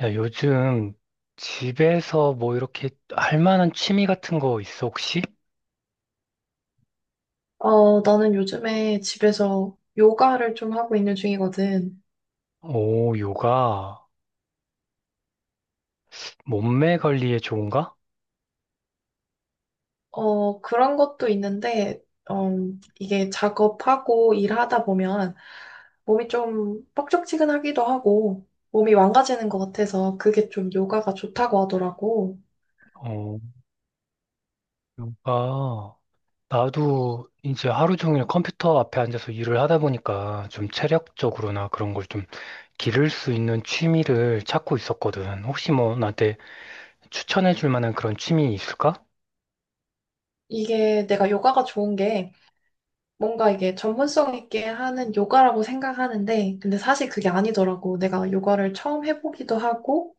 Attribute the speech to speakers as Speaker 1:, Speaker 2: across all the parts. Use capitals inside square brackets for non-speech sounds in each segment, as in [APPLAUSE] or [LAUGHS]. Speaker 1: 야, 요즘 집에서 뭐 이렇게 할 만한 취미 같은 거 있어, 혹시?
Speaker 2: 나는 요즘에 집에서 요가를 좀 하고 있는 중이거든.
Speaker 1: 오, 요가. 몸매 관리에 좋은가?
Speaker 2: 그런 것도 있는데, 어, 이게 작업하고 일하다 보면 몸이 좀 뻑적지근하기도 하고 몸이 망가지는 것 같아서 그게 좀 요가가 좋다고 하더라고.
Speaker 1: 어, 요가. 나도 이제 하루 종일 컴퓨터 앞에 앉아서 일을 하다 보니까 좀 체력적으로나 그런 걸 좀 기를 수 있는 취미를 찾고 있었거든. 혹시 뭐 나한테 추천해 줄 만한 그런 취미 있을까?
Speaker 2: 이게 내가 요가가 좋은 게 뭔가 이게 전문성 있게 하는 요가라고 생각하는데, 근데 사실 그게 아니더라고. 내가 요가를 처음 해보기도 하고,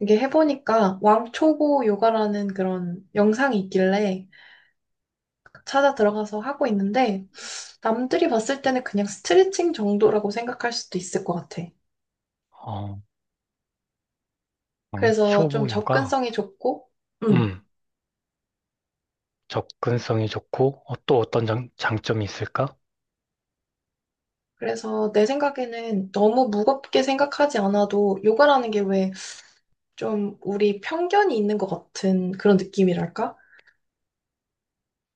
Speaker 2: 이게 해보니까 왕초보 요가라는 그런 영상이 있길래 찾아 들어가서 하고 있는데 남들이 봤을 때는 그냥 스트레칭 정도라고 생각할 수도 있을 것 같아.
Speaker 1: 어,
Speaker 2: 그래서 좀
Speaker 1: 왕초보 요가.
Speaker 2: 접근성이 좋고, 음.
Speaker 1: 음, 접근성이 좋고, 또 어떤 장점이 있을까?
Speaker 2: 그래서 내 생각에는 너무 무겁게 생각하지 않아도 요가라는 게 왜 좀 우리 편견이 있는 것 같은 그런 느낌이랄까?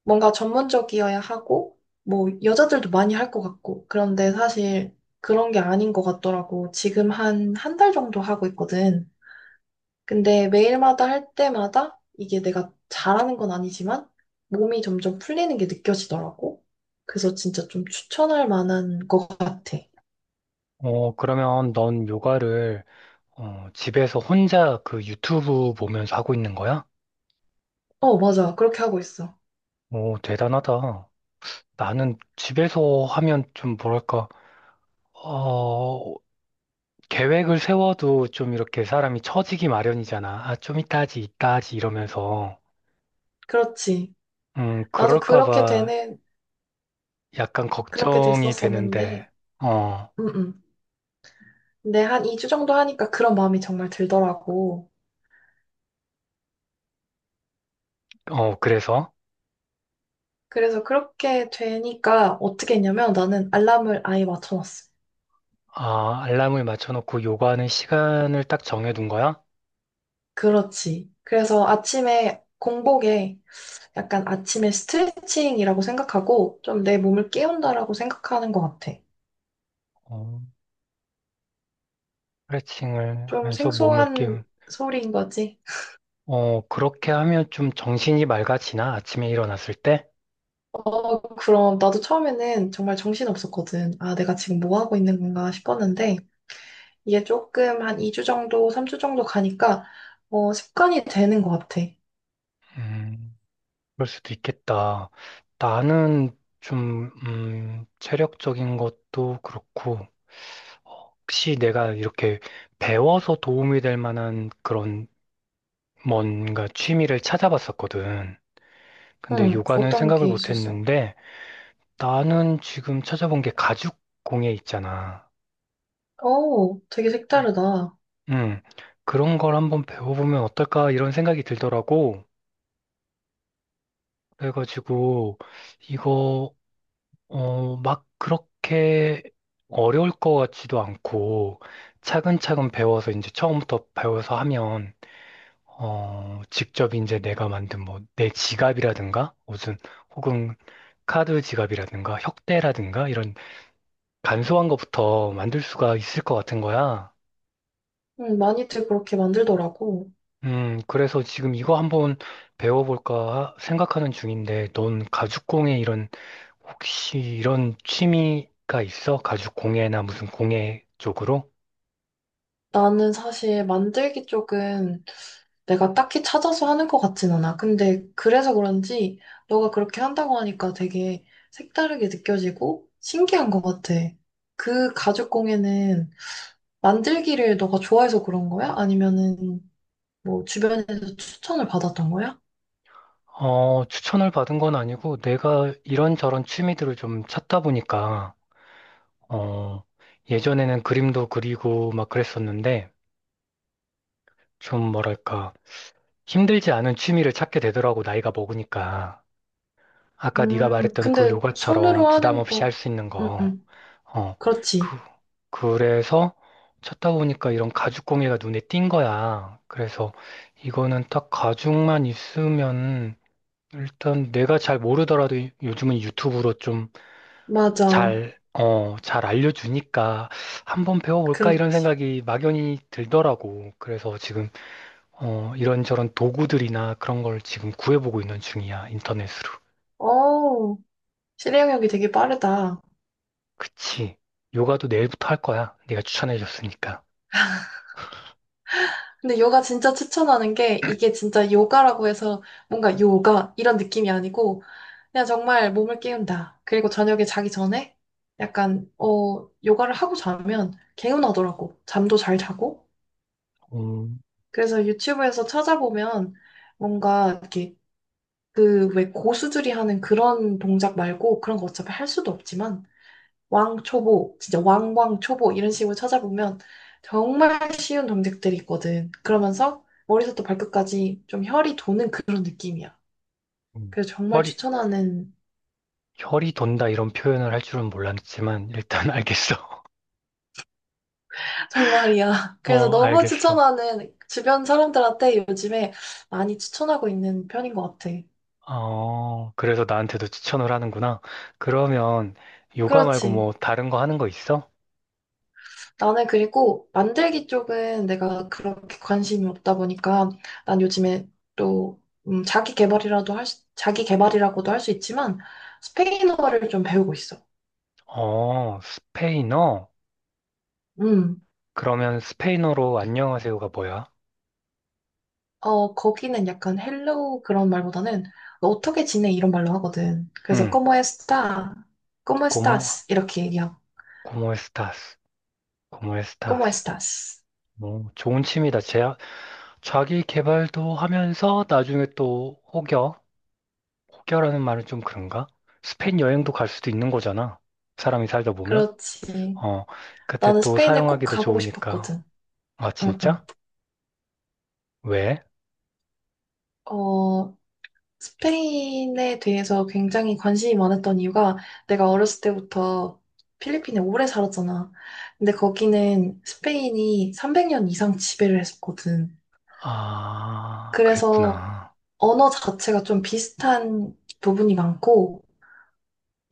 Speaker 2: 뭔가 전문적이어야 하고, 뭐, 여자들도 많이 할 것 같고, 그런데 사실 그런 게 아닌 것 같더라고. 지금 한, 한 달 정도 하고 있거든. 근데 매일마다 할 때마다 이게 내가 잘하는 건 아니지만 몸이 점점 풀리는 게 느껴지더라고. 그래서 진짜 좀 추천할 만한 것 같아.
Speaker 1: 어, 그러면 넌 요가를 집에서 혼자 그 유튜브 보면서 하고 있는 거야?
Speaker 2: 맞아. 그렇게 하고 있어.
Speaker 1: 오, 대단하다. 나는 집에서 하면 좀 뭐랄까, 어, 계획을 세워도 좀 이렇게 사람이 처지기 마련이잖아. 아, 좀 이따 하지, 이따 하지 이러면서.
Speaker 2: 그렇지. 나도
Speaker 1: 그럴까
Speaker 2: 그렇게
Speaker 1: 봐
Speaker 2: 되는,
Speaker 1: 약간
Speaker 2: 그렇게
Speaker 1: 걱정이 되는데,
Speaker 2: 됐었었는데,
Speaker 1: 어,
Speaker 2: 음, 음. 근데 한 2주 정도 하니까 그런 마음이 정말 들더라고.
Speaker 1: 어, 그래서?
Speaker 2: 그래서 그렇게 되니까 어떻게 했냐면 나는 알람을 아예 맞춰놨어.
Speaker 1: 아, 알람을 맞춰놓고 요가하는 시간을 딱 정해둔 거야?
Speaker 2: 그렇지. 그래서 아침에 공복에 약간 아침에 스트레칭이라고 생각하고 좀 내 몸을 깨운다라고 생각하는 것 같아.
Speaker 1: 어, 스트레칭을
Speaker 2: 좀
Speaker 1: 하면서 몸을
Speaker 2: 생소한
Speaker 1: 깨우
Speaker 2: 소리인 거지.
Speaker 1: 어, 그렇게 하면 좀 정신이 맑아지나? 아침에 일어났을 때?
Speaker 2: 그럼 나도 처음에는 정말 정신없었거든. 아, 내가 지금 뭐 하고 있는 건가 싶었는데 이게 조금 한 2주 정도, 3주 정도 가니까 습관이 되는 것 같아.
Speaker 1: 음, 그럴 수도 있겠다. 나는 좀, 체력적인 것도 그렇고, 혹시 내가 이렇게 배워서 도움이 될 만한 그런 뭔가 취미를 찾아봤었거든. 근데
Speaker 2: 응,
Speaker 1: 요가는
Speaker 2: 어떤
Speaker 1: 생각을
Speaker 2: 게
Speaker 1: 못
Speaker 2: 있었어?
Speaker 1: 했는데, 나는 지금 찾아본 게 가죽 공예 있잖아.
Speaker 2: 되게 색다르다.
Speaker 1: 음, 그런 걸 한번 배워보면 어떨까? 이런 생각이 들더라고. 그래가지고 이거 막 그렇게 어려울 것 같지도 않고 차근차근 배워서 이제 처음부터 배워서 하면 직접 이제 내가 만든 뭐 내 지갑이라든가 무슨 혹은 카드 지갑이라든가 혁대라든가 이런 간소한 것부터 만들 수가 있을 것 같은 거야.
Speaker 2: 응, 많이들 그렇게 만들더라고.
Speaker 1: 음, 그래서 지금 이거 한번 배워볼까 생각하는 중인데 넌 가죽공예 이런 혹시 이런 취미가 있어? 가죽 공예나 무슨 공예 쪽으로?
Speaker 2: 나는 사실 만들기 쪽은 내가 딱히 찾아서 하는 것 같진 않아. 근데 그래서 그런지 너가 그렇게 한다고 하니까 되게 색다르게 느껴지고 신기한 것 같아. 그 가죽공예는 만들기를 너가 좋아해서 그런 거야? 아니면은 뭐 주변에서 추천을 받았던 거야?
Speaker 1: 어, 추천을 받은 건 아니고 내가 이런저런 취미들을 좀 찾다 보니까 어, 예전에는 그림도 그리고 막 그랬었는데 좀 뭐랄까 힘들지 않은 취미를 찾게 되더라고 나이가 먹으니까. 아까 네가 말했던 그
Speaker 2: 근데 손으로
Speaker 1: 요가처럼 부담
Speaker 2: 하는
Speaker 1: 없이 할
Speaker 2: 거,
Speaker 1: 수 있는
Speaker 2: 응,
Speaker 1: 거.
Speaker 2: 응,
Speaker 1: 어, 그,
Speaker 2: 그렇지.
Speaker 1: 그래서 찾다 보니까 이런 가죽공예가 눈에 띈 거야. 그래서 이거는 딱 가죽만 있으면 일단 내가 잘 모르더라도 요즘은 유튜브로 좀
Speaker 2: 맞아.
Speaker 1: 잘 알려주니까 한번 배워볼까 이런
Speaker 2: 그렇지.
Speaker 1: 생각이 막연히 들더라고. 그래서 지금, 이런저런 도구들이나 그런 걸 지금 구해보고 있는 중이야. 인터넷으로.
Speaker 2: 오, 실행력이 되게 빠르다.
Speaker 1: 그치. 요가도 내일부터 할 거야. 네가 추천해줬으니까.
Speaker 2: 근데 요가 진짜 추천하는 게 이게 진짜 요가라고 해서 뭔가 요가 이런 느낌이 아니고 그냥 정말 몸을 깨운다. 그리고 저녁에 자기 전에 약간 요가를 하고 자면 개운하더라고. 잠도 잘 자고.
Speaker 1: 음.
Speaker 2: 그래서 유튜브에서 찾아보면 뭔가 이렇게 그 왜 고수들이 하는 그런 동작 말고 그런 거 어차피 할 수도 없지만 왕초보, 진짜 왕왕초보 이런 식으로 찾아보면 정말 쉬운 정책들이 있거든. 그러면서 머리부터 발끝까지 좀 혈이 도는 그런 느낌이야.
Speaker 1: 음.
Speaker 2: 그래서 정말
Speaker 1: 허리,
Speaker 2: 추천하는,
Speaker 1: 혈이 돈다 이런 표현을 할 줄은 몰랐지만 일단 [LAUGHS] 알겠어.
Speaker 2: [LAUGHS] 정말이야. 그래서
Speaker 1: 어,
Speaker 2: 너무
Speaker 1: 알겠어.
Speaker 2: 추천하는 주변 사람들한테 요즘에 많이 추천하고 있는 편인 것 같아.
Speaker 1: 어, 그래서 나한테도 추천을 하는구나. 그러면 요가 말고
Speaker 2: 그렇지.
Speaker 1: 뭐 다른 거 하는 거 있어?
Speaker 2: 나는 그리고 만들기 쪽은 내가 그렇게 관심이 없다 보니까 난 요즘에 또 자기 개발이라도 할 수, 자기 개발이라고도 할 수 있지만 스페인어를 좀 배우고 있어.
Speaker 1: 어, 스페인어?
Speaker 2: 음.
Speaker 1: 그러면 스페인어로 안녕하세요가 뭐야?
Speaker 2: 거기는 약간 헬로우 그런 말보다는 너 어떻게 지내 이런 말로 하거든. 그래서
Speaker 1: 응,
Speaker 2: como está? como
Speaker 1: 고모,
Speaker 2: estás? 이렇게 얘기하고
Speaker 1: 고모 에스타스, 고모
Speaker 2: como
Speaker 1: 에스타스.
Speaker 2: estás?
Speaker 1: 뭐, 좋은 취미다. 자기 개발도 하면서 나중에 또 혹여, 혹여라는 말은 좀 그런가? 스페인 여행도 갈 수도 있는 거잖아. 사람이 살다 보면.
Speaker 2: 그렇지.
Speaker 1: 어, 그때
Speaker 2: 나는
Speaker 1: 또
Speaker 2: 스페인을 꼭
Speaker 1: 사용하기도
Speaker 2: 가보고
Speaker 1: 좋으니까.
Speaker 2: 싶었거든.
Speaker 1: 아,
Speaker 2: 응, 응.
Speaker 1: 진짜? 왜?
Speaker 2: 어, 스페인에 대해서 굉장히 관심이 많았던 이유가 내가 어렸을 때부터 필리핀에 오래 살았잖아. 근데 거기는 스페인이 300년 이상 지배를 했었거든.
Speaker 1: 아,
Speaker 2: 그래서
Speaker 1: 그랬구나.
Speaker 2: 언어 자체가 좀 비슷한 부분이 많고,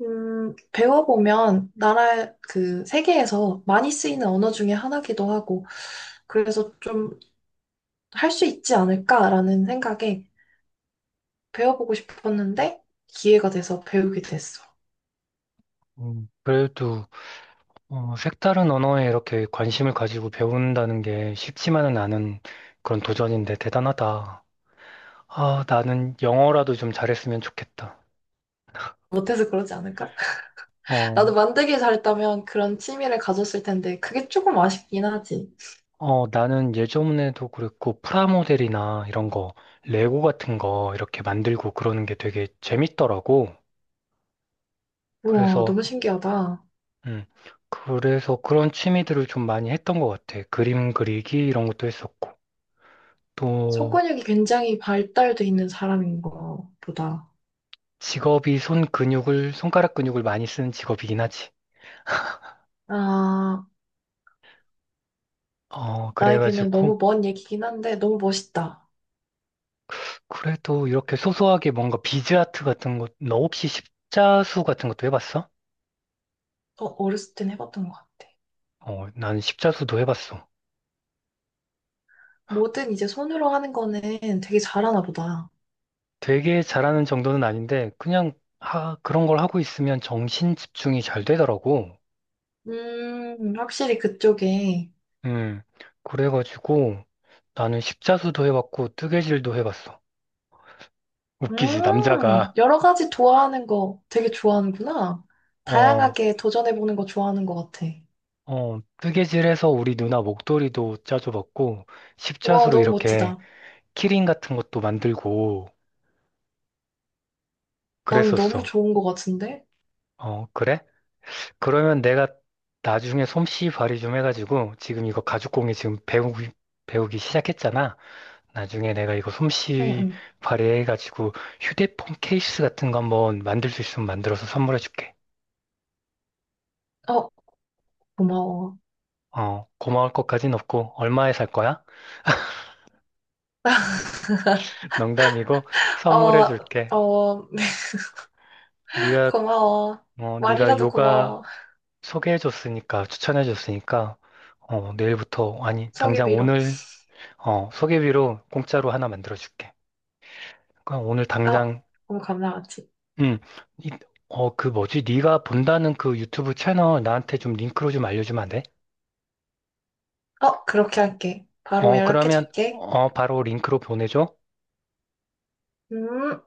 Speaker 2: 배워보면 세계에서 많이 쓰이는 언어 중에 하나기도 하고, 그래서 좀 할 수 있지 않을까라는 생각에 배워보고 싶었는데 기회가 돼서 배우게 됐어.
Speaker 1: 그래도 색다른 언어에 이렇게 관심을 가지고 배운다는 게 쉽지만은 않은 그런 도전인데 대단하다. 아, 나는 영어라도 좀 잘했으면 좋겠다.
Speaker 2: 못해서 그러지 않을까?
Speaker 1: 어,
Speaker 2: 나도 만들기 잘했다면 그런 취미를 가졌을 텐데 그게 조금 아쉽긴 하지.
Speaker 1: 나는 예전에도 그랬고 프라모델이나 이런 거, 레고 같은 거 이렇게 만들고 그러는 게 되게 재밌더라고.
Speaker 2: 우와,
Speaker 1: 그래서
Speaker 2: 너무 신기하다.
Speaker 1: 음. 그래서 그런 취미들을 좀 많이 했던 것 같아. 그림 그리기 이런 것도 했었고. 또
Speaker 2: 속근육이 굉장히 발달돼 있는 사람인 거 보다.
Speaker 1: 직업이 손가락 근육을 많이 쓰는 직업이긴 하지.
Speaker 2: 아,
Speaker 1: 어,
Speaker 2: 나에게는
Speaker 1: 그래가지고
Speaker 2: 너무 먼 얘기긴 한데 너무 멋있다.
Speaker 1: 그래도 이렇게 소소하게 뭔가 비즈 아트 같은 것, 너 혹시 십자수 같은 것도 해봤어?
Speaker 2: 어렸을 땐 해봤던 것 같아.
Speaker 1: 어, 나는 십자수도 해봤어.
Speaker 2: 뭐든 이제 손으로 하는 거는 되게 잘하나 보다.
Speaker 1: 되게 잘하는 정도는 아닌데 그냥 그런 걸 하고 있으면 정신 집중이 잘 되더라고.
Speaker 2: 확실히 그쪽에.
Speaker 1: 음, 그래가지고 나는 십자수도 해봤고 뜨개질도 해봤어. 웃기지. 남자가
Speaker 2: 여러 가지 좋아하는 거 되게 좋아하는구나.
Speaker 1: 어,
Speaker 2: 다양하게 도전해보는 거 좋아하는 것 같아.
Speaker 1: 어, 뜨개질해서 우리 누나 목도리도 짜줘봤고
Speaker 2: 와,
Speaker 1: 십자수로
Speaker 2: 너무
Speaker 1: 이렇게
Speaker 2: 멋지다.
Speaker 1: 키링 같은 것도 만들고
Speaker 2: 나는 너무
Speaker 1: 그랬었어.
Speaker 2: 좋은 것 같은데?
Speaker 1: 어, 그래? 그러면 내가 나중에 솜씨 발휘 좀 해가지고 지금 이거 가죽공예 지금 배우기 시작했잖아. 나중에 내가 이거
Speaker 2: 응,
Speaker 1: 솜씨
Speaker 2: 응.
Speaker 1: 발휘해가지고 휴대폰 케이스 같은 거 한번 만들 수 있으면 만들어서 선물해줄게.
Speaker 2: 어, 고마워.
Speaker 1: 어, 고마울 것까진 없고 얼마에 살 거야? [LAUGHS] 농담이고
Speaker 2: 어,
Speaker 1: 선물해줄게.
Speaker 2: 어, [LAUGHS]
Speaker 1: 네가
Speaker 2: 고마워.
Speaker 1: 네가
Speaker 2: 말이라도
Speaker 1: 요가
Speaker 2: 고마워.
Speaker 1: 소개해 줬으니까 추천해 줬으니까 내일부터 아니 당장
Speaker 2: 소개비로.
Speaker 1: 오늘 어 소개비로 공짜로 하나 만들어 줄게. 그럼 오늘
Speaker 2: 어,
Speaker 1: 당장
Speaker 2: 너무 감사하지.
Speaker 1: 음 이, 그 뭐지? 네가 본다는 그 유튜브 채널 나한테 좀 링크로 좀 알려주면 안 돼?
Speaker 2: 그렇게 할게. 바로
Speaker 1: 그러면
Speaker 2: 연락해줄게.
Speaker 1: 바로 링크로 보내줘.
Speaker 2: 음.